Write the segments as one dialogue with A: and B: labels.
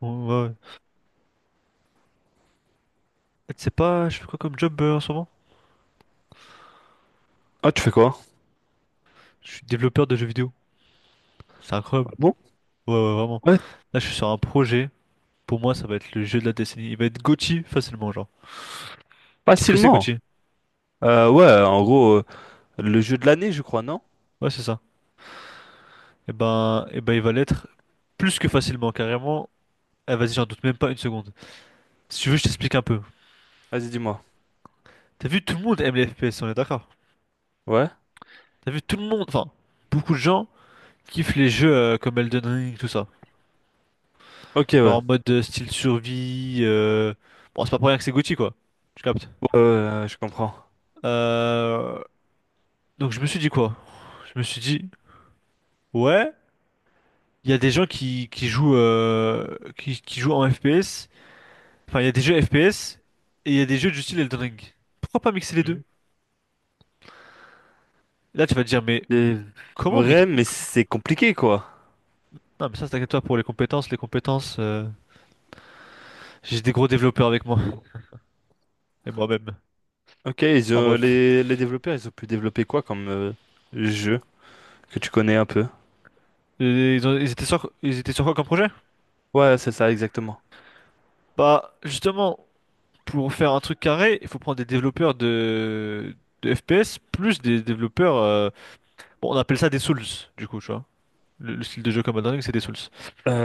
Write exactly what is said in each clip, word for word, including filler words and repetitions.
A: Ouais, ouais. Tu sais pas, je fais quoi comme job euh, en ce moment?
B: Ah, tu fais quoi?
A: Je suis développeur de jeux vidéo. C'est incroyable.
B: Ah bon?
A: Ouais, ouais, vraiment.
B: Ouais,
A: Là, je suis sur un projet. Pour moi, ça va être le jeu de la décennie. Il va être GOTY facilement, genre. Tu sais ce que c'est
B: facilement.
A: GOTY?
B: Euh, ouais, en gros, euh, le jeu de l'année, je crois, non?
A: Ouais, c'est ça. Et ben, et ben, il va l'être plus que facilement, carrément. Eh, vas-y, j'en doute même pas une seconde. Si tu veux, je t'explique un peu.
B: Vas-y, dis-moi.
A: T'as vu, tout le monde aime les F P S, on est d'accord?
B: Ouais?
A: T'as vu, tout le monde, enfin, beaucoup de gens kiffent les jeux euh, comme Elden Ring, tout ça.
B: Ok, ouais.
A: Genre
B: Ouais,
A: en mode euh, style survie. euh, Bon, c'est pas pour rien que c'est GOTY, quoi. Tu captes?
B: ouais, ouais, ouais, je comprends.
A: Euh, donc je me suis dit quoi? Je me suis dit, ouais, il y a des gens qui, qui jouent euh, qui, qui jouent en F P S. Enfin, il y a des jeux F P S et il y a des jeux du style Elden Ring. Pourquoi pas mixer les deux?
B: Mhm.
A: Là, tu vas te dire, mais
B: C'est
A: comment mixer?
B: vrai, mais c'est compliqué, quoi.
A: Non, mais ça, t'inquiète-toi pour les compétences. Les compétences, euh, j'ai des gros développeurs avec moi et moi-même.
B: Ok, ils
A: Ah
B: ont-
A: bref,
B: les, les développeurs, ils ont pu développer quoi comme euh, jeu que tu connais un peu?
A: Et ils ont- ils étaient sur, ils étaient sur quoi comme projet?
B: Ouais, c'est ça, exactement.
A: Bah, justement, pour faire un truc carré, il faut prendre des développeurs de, de F P S plus des développeurs. euh, Bon, on appelle ça des Souls, du coup, tu vois. Le, le style de jeu comme Elden Ring, c'est des Souls.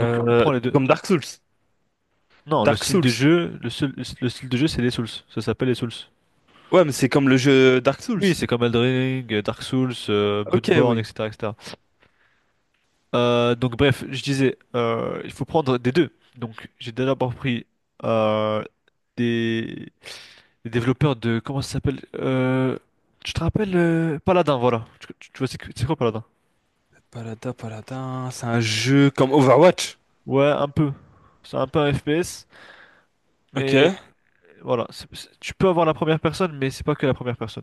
A: Donc, on prend les deux.
B: comme Dark Souls.
A: Non, le
B: Dark
A: style de
B: Souls.
A: jeu, le, seul- le style de jeu, c'est des Souls. Ça s'appelle les Souls.
B: Ouais, mais c'est comme le jeu Dark Souls.
A: Oui, c'est comme Elden Ring, euh, Dark Souls, euh,
B: Ok,
A: Bloodborne,
B: oui.
A: et cetera, et cetera. Euh, donc, bref, je disais, euh, il faut prendre des deux. Donc, j'ai d'abord pris euh, des, des développeurs de. Comment ça s'appelle? Euh, tu te rappelles euh, Paladin, voilà. Tu, tu- tu vois, c'est que- c'est quoi Paladin?
B: Paladin, Paladin, c'est un jeu comme Overwatch.
A: Ouais, un peu. C'est un peu un F P S.
B: Ok.
A: Mais voilà, c'est- c'est- tu peux avoir la première personne, mais c'est pas que la première personne.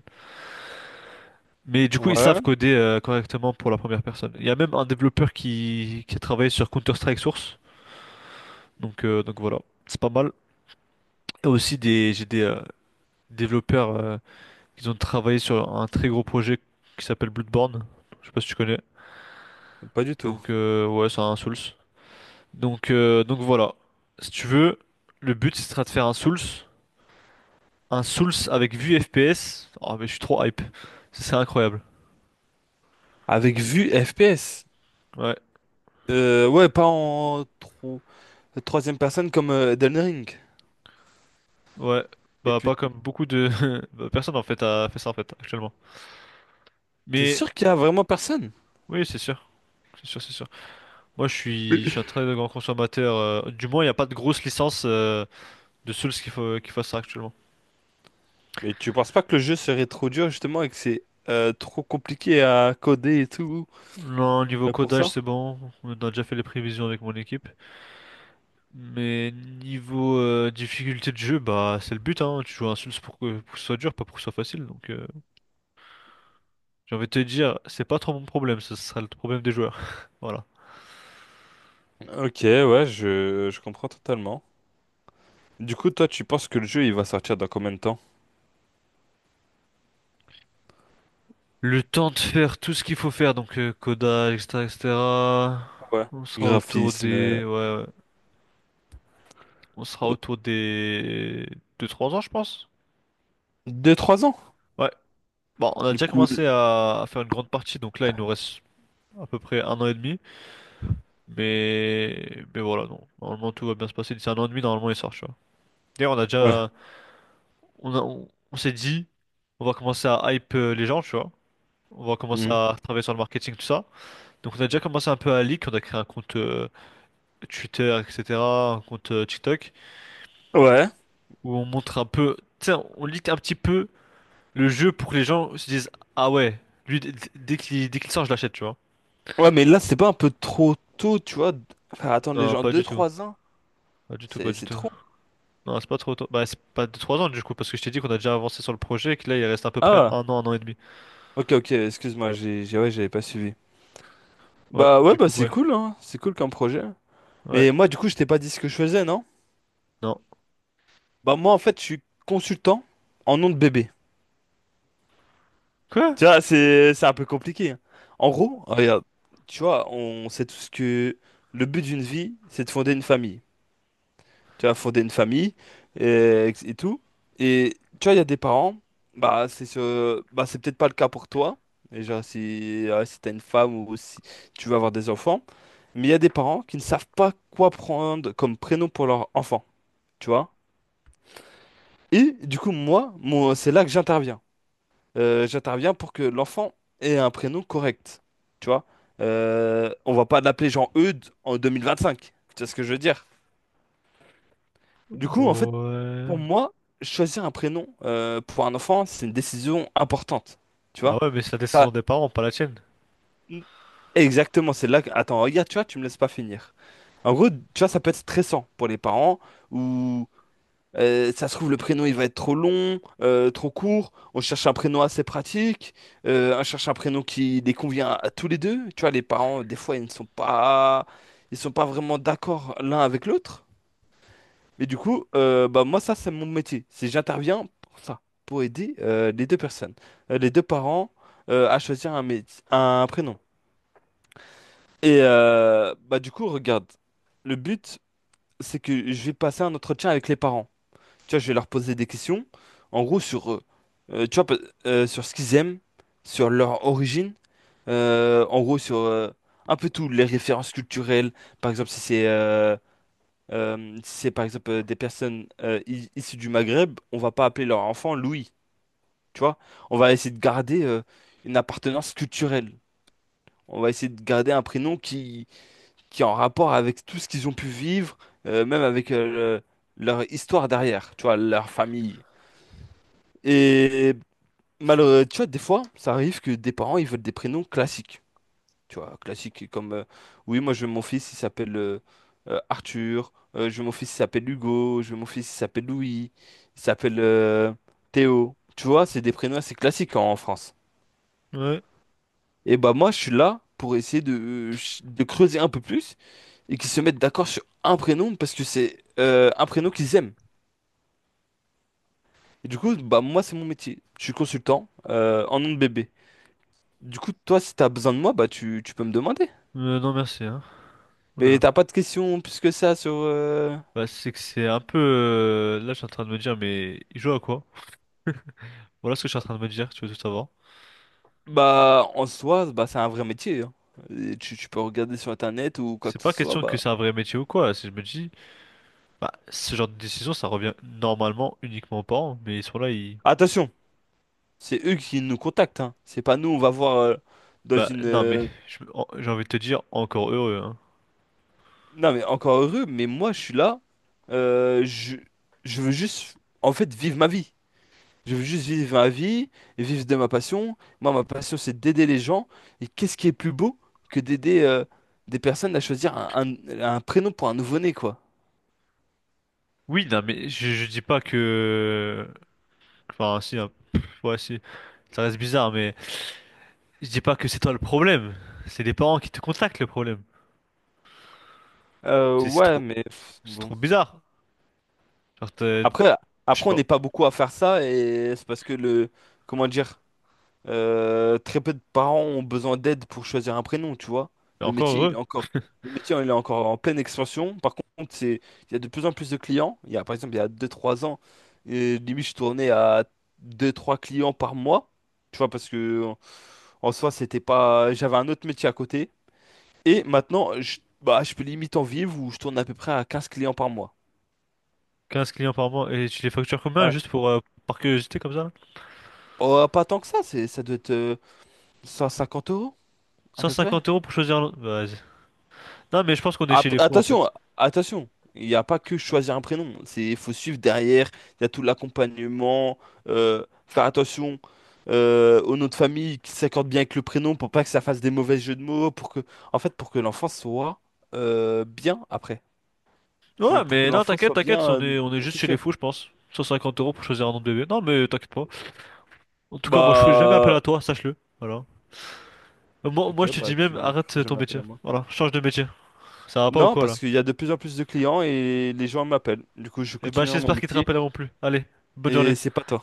A: Mais du coup, ils
B: Ouais,
A: savent coder euh, correctement pour la première personne. Il y a même un développeur qui, qui a travaillé sur Counter-Strike Source, donc, euh, donc voilà, c'est pas mal. Et aussi, des, j'ai des euh, développeurs euh, qui ont travaillé sur un très gros projet qui s'appelle Bloodborne. Je sais pas si tu connais.
B: pas du tout.
A: Donc euh, ouais, c'est un Souls. Donc, euh, donc voilà, si tu veux, le but, ce sera de faire un Souls. Un Souls avec vue F P S. Oh, mais je suis trop hype. Ce serait incroyable.
B: Avec vue F P S.
A: Ouais.
B: Euh, ouais, pas en tro- troisième personne comme euh, Elden Ring.
A: Ouais,
B: Et
A: bah
B: puis,
A: pas comme beaucoup de bah, personne en fait a fait ça en fait actuellement.
B: t'es
A: Mais
B: sûr qu'il y a vraiment personne?
A: oui, c'est sûr. C'est sûr, c'est sûr. Moi, je suis, je suis un très grand consommateur. euh, Du moins, il n'y a pas de grosse licence euh, de Souls qu'il faut, qu'il fasse ça actuellement.
B: Mais tu penses pas que le jeu serait trop dur justement et que c'est euh, trop compliqué à coder et tout
A: Non, niveau
B: euh, pour
A: codage,
B: ça?
A: c'est bon. On a déjà fait les prévisions avec mon équipe. Mais niveau euh, difficulté de jeu, bah c'est le but, hein. Tu joues à un Souls pour que, pour que ce soit dur, pas pour que ce soit facile. Donc, euh, j'ai envie de te dire, c'est pas trop mon problème. Ce sera le problème des joueurs. Voilà.
B: Ok, ouais, je, je comprends totalement. Du coup, toi, tu penses que le jeu, il va sortir dans combien de temps?
A: Le temps de faire tout ce qu'il faut faire, donc euh, codage, et cetera, et cetera.
B: Ouais.
A: On sera autour
B: Graphisme... euh,
A: des... Ouais, ouais. On sera
B: au-
A: autour des... deux trois ans, je pense.
B: Deux, trois ans?
A: Ouais. Bon, on a
B: Du
A: déjà
B: coup...
A: commencé
B: le-
A: à... à faire une grande partie, donc là, il nous reste à peu près un an et demi. Mais... Mais voilà, non. Normalement, tout va bien se passer. D'ici un an et demi, normalement, il sort, tu vois. D'ailleurs, on a
B: Ouais.
A: déjà... On a... on on s'est dit, on va commencer à hype euh, les gens, tu vois. On va commencer
B: Mhm.
A: à travailler sur le marketing, tout ça. Donc, on a déjà commencé un peu à leak. On a créé un compte... euh, Twitter, et cetera, un compte euh, TikTok,
B: Ouais.
A: où on montre un peu, tu sais, on lit un petit peu le jeu pour que les gens se disent, ah ouais, lui, d- d- dès qu'il dès qu'il sort, je l'achète, tu vois.
B: Ouais, mais là, c'est pas un peu trop tôt, tu vois, d- faire attendre les
A: Non,
B: gens
A: pas
B: deux,
A: du tout.
B: trois ans?
A: Pas du tout, pas
B: C'est
A: du
B: c'est
A: tout.
B: trop.
A: Non, c'est pas trop tôt. Bah, c'est pas de trois ans du coup, parce que je t'ai dit qu'on a déjà avancé sur le projet et que là, il reste à peu près
B: Ah,
A: un an, un an et demi.
B: ok, ok, excuse-moi, ouais. j'ai, j'ai- ouais, j'avais pas suivi.
A: Ouais,
B: Bah ouais,
A: du
B: bah
A: coup,
B: c'est
A: bref.
B: cool, hein, c'est cool comme projet.
A: Ouais,
B: Mais moi, du coup, je t'ai pas dit ce que je faisais, non?
A: non.
B: Bah moi, en fait, je suis consultant en nom de bébé.
A: Quoi?
B: Tu vois, c'est, c'est un peu compliqué, hein. En gros, regarde, tu vois, on sait tous que le but d'une vie, c'est de fonder une famille. Tu vois, fonder une famille et, et tout. Et tu vois, il y a des parents, bah c'est ce, bah c'est peut-être pas le cas pour toi, et genre si, euh, si t'as une femme ou si tu veux avoir des enfants, mais il y a des parents qui ne savent pas quoi prendre comme prénom pour leur enfant, tu vois. Et du coup, moi, moi c'est là que j'interviens. Euh, j'interviens pour que l'enfant ait un prénom correct, tu vois. Euh, on va pas l'appeler Jean-Eudes en deux mille vingt-cinq, tu vois ce que je veux dire. Du coup, en fait, pour
A: Ouais.
B: moi, choisir un prénom euh, pour un enfant, c'est une décision importante. Tu
A: Bah
B: vois?
A: ouais, mais c'est la
B: Ça-
A: décision des parents, pas la tienne.
B: exactement, c'est là que... Attends, regarde, tu vois, tu me laisses pas finir. En gros, tu vois, ça peut être stressant pour les parents, ou euh, ça se trouve, le prénom, il va être trop long, euh, trop court, on cherche un prénom assez pratique, euh, on cherche un prénom qui les convient à, à tous les deux. Tu vois, les parents, des fois, ils ne sont pas... Ils sont pas vraiment d'accord l'un avec l'autre. Mais du coup, euh, bah moi ça c'est mon métier. C'est j'interviens pour ça, pour aider euh, les deux personnes, euh, les deux parents euh, à choisir un métier, un prénom. Et euh, bah du coup, regarde, le but c'est que je vais passer un entretien avec les parents. Tu vois, je vais leur poser des questions, en gros sur eux. Euh, tu vois, pe- euh, sur ce qu'ils aiment, sur leur origine, euh, en gros sur euh, un peu tout, les références culturelles, par exemple si c'est euh, euh, si c'est par exemple euh, des personnes euh, i- issues du Maghreb, on va pas appeler leur enfant Louis, tu vois. On va essayer de garder euh, une appartenance culturelle. On va essayer de garder un prénom qui, qui est en rapport avec tout ce qu'ils ont pu vivre, euh, même avec euh, le- leur histoire derrière, tu vois, leur famille. Et malheureusement, tu vois, des fois, ça arrive que des parents, ils veulent des prénoms classiques. Tu vois, classique comme euh, oui, moi je veux mon fils, il s'appelle euh, euh, Arthur. Euh, je veux mon fils, il s'appelle Hugo, je veux mon fils, il s'appelle Louis, il s'appelle euh, Théo. Tu vois, c'est des prénoms assez classiques en, en France.
A: Ouais.
B: Et bah moi je suis là pour essayer de, euh, ch- de creuser un peu plus et qu'ils se mettent d'accord sur un prénom parce que c'est euh, un prénom qu'ils aiment. Et du coup, bah moi c'est mon métier. Je suis consultant euh, en nom de bébé. Du coup, toi, si t'as besoin de moi, bah tu, tu peux me demander.
A: Euh, non, merci, hein. Ouh là
B: Mais
A: là.
B: t'as pas de questions plus que ça sur... euh.
A: Bah, c'est que c'est un peu. euh, Là, je suis en train de me dire, mais il joue à quoi? Voilà ce que je suis en train de me dire, tu veux tout savoir.
B: Bah, en soi, bah, c'est un vrai métier, hein. Et tu, tu peux regarder sur Internet ou quoi
A: C'est
B: que ce
A: pas
B: soit.
A: question que
B: Bah,
A: c'est un vrai métier ou quoi. Si je me dis, bah, ce genre de décision, ça revient normalement uniquement aux parents, mais ils sont là, ils.
B: attention, c'est eux qui nous contactent, hein. C'est pas nous, on va voir euh, dans
A: Bah,
B: une.
A: non, mais
B: euh.
A: je- en- j'ai envie de te dire, encore heureux, hein.
B: Non, mais encore heureux, mais moi, je suis là. euh, je, je veux juste, en fait, vivre ma vie. Je veux juste vivre ma vie, et vivre de ma passion. Moi, ma passion, c'est d'aider les gens. Et qu'est-ce qui est plus beau que d'aider euh, des personnes à choisir un, un- un prénom pour un nouveau-né, quoi.
A: Oui, non, mais je, je dis pas que. Enfin, si, hein, pff, ouais, si. Ça reste bizarre, mais je dis pas que c'est toi le problème. C'est les parents qui te contactent le problème.
B: Euh,
A: C'est c'est
B: ouais,
A: trop,
B: mais pff,
A: c'est
B: bon.
A: trop bizarre. Genre, t'es-
B: Après,
A: je sais
B: après on
A: pas.
B: n'est pas beaucoup à faire ça et c'est parce que le, comment dire, euh, très peu de parents ont besoin d'aide pour choisir un prénom, tu vois.
A: Mais
B: Le
A: encore
B: métier, il
A: heureux.
B: est encore, le métier, il est encore en pleine expansion. Par contre, c'est, il y a de plus en plus de clients. Il y a, par exemple, il y a deux trois ans, euh, limite, je tournais à deux trois clients par mois, tu vois, parce que en, en soi, c'était pas, j'avais un autre métier à côté. Et maintenant, je, bah, je peux limite en vivre où je tourne à peu près à quinze clients par mois.
A: Quinze clients par mois et tu les factures combien
B: Ouais.
A: juste pour, euh, par curiosité comme ça?
B: Oh, pas tant que ça, c'est, ça doit être. Euh, cent cinquante euros, à
A: cent
B: peu près?
A: cinquante euros pour choisir. un- Bah, vas-y. Non, mais je pense qu'on est chez
B: Ap-
A: les fous en
B: attention,
A: fait.
B: attention, il n'y a pas que choisir un prénom. C'est, il faut suivre derrière, il y a tout l'accompagnement, euh, faire attention euh, au nom de famille qui s'accorde bien avec le prénom pour pas que ça fasse des mauvais jeux de mots, pour que, en fait, pour que l'enfant soit euh, bien après. Faut-
A: Ouais,
B: pour que
A: mais non,
B: l'enfant
A: t'inquiète,
B: soit bien
A: t'inquiète, on
B: euh,
A: est, on est
B: au
A: juste chez les
B: futur.
A: fous, je pense. Cent cinquante euros pour choisir un nom de bébé. Non, mais t'inquiète pas. En tout cas, moi, je fais jamais appel
B: Bah,
A: à toi, sache-le. Voilà. Euh, Moi, moi,
B: ok,
A: je te
B: bah
A: dis même,
B: tu, tu
A: arrête
B: feras
A: euh, ton
B: jamais appel
A: métier.
B: à moi.
A: Voilà, change de métier. Ça va pas ou
B: Non,
A: quoi là?
B: parce qu'il y a de plus en plus de clients et les gens m'appellent. Du coup, je
A: Eh ben,
B: continue dans mon
A: j'espère qu'il te
B: métier
A: rappelleront plus. Allez, bonne journée.
B: et c'est pas toi.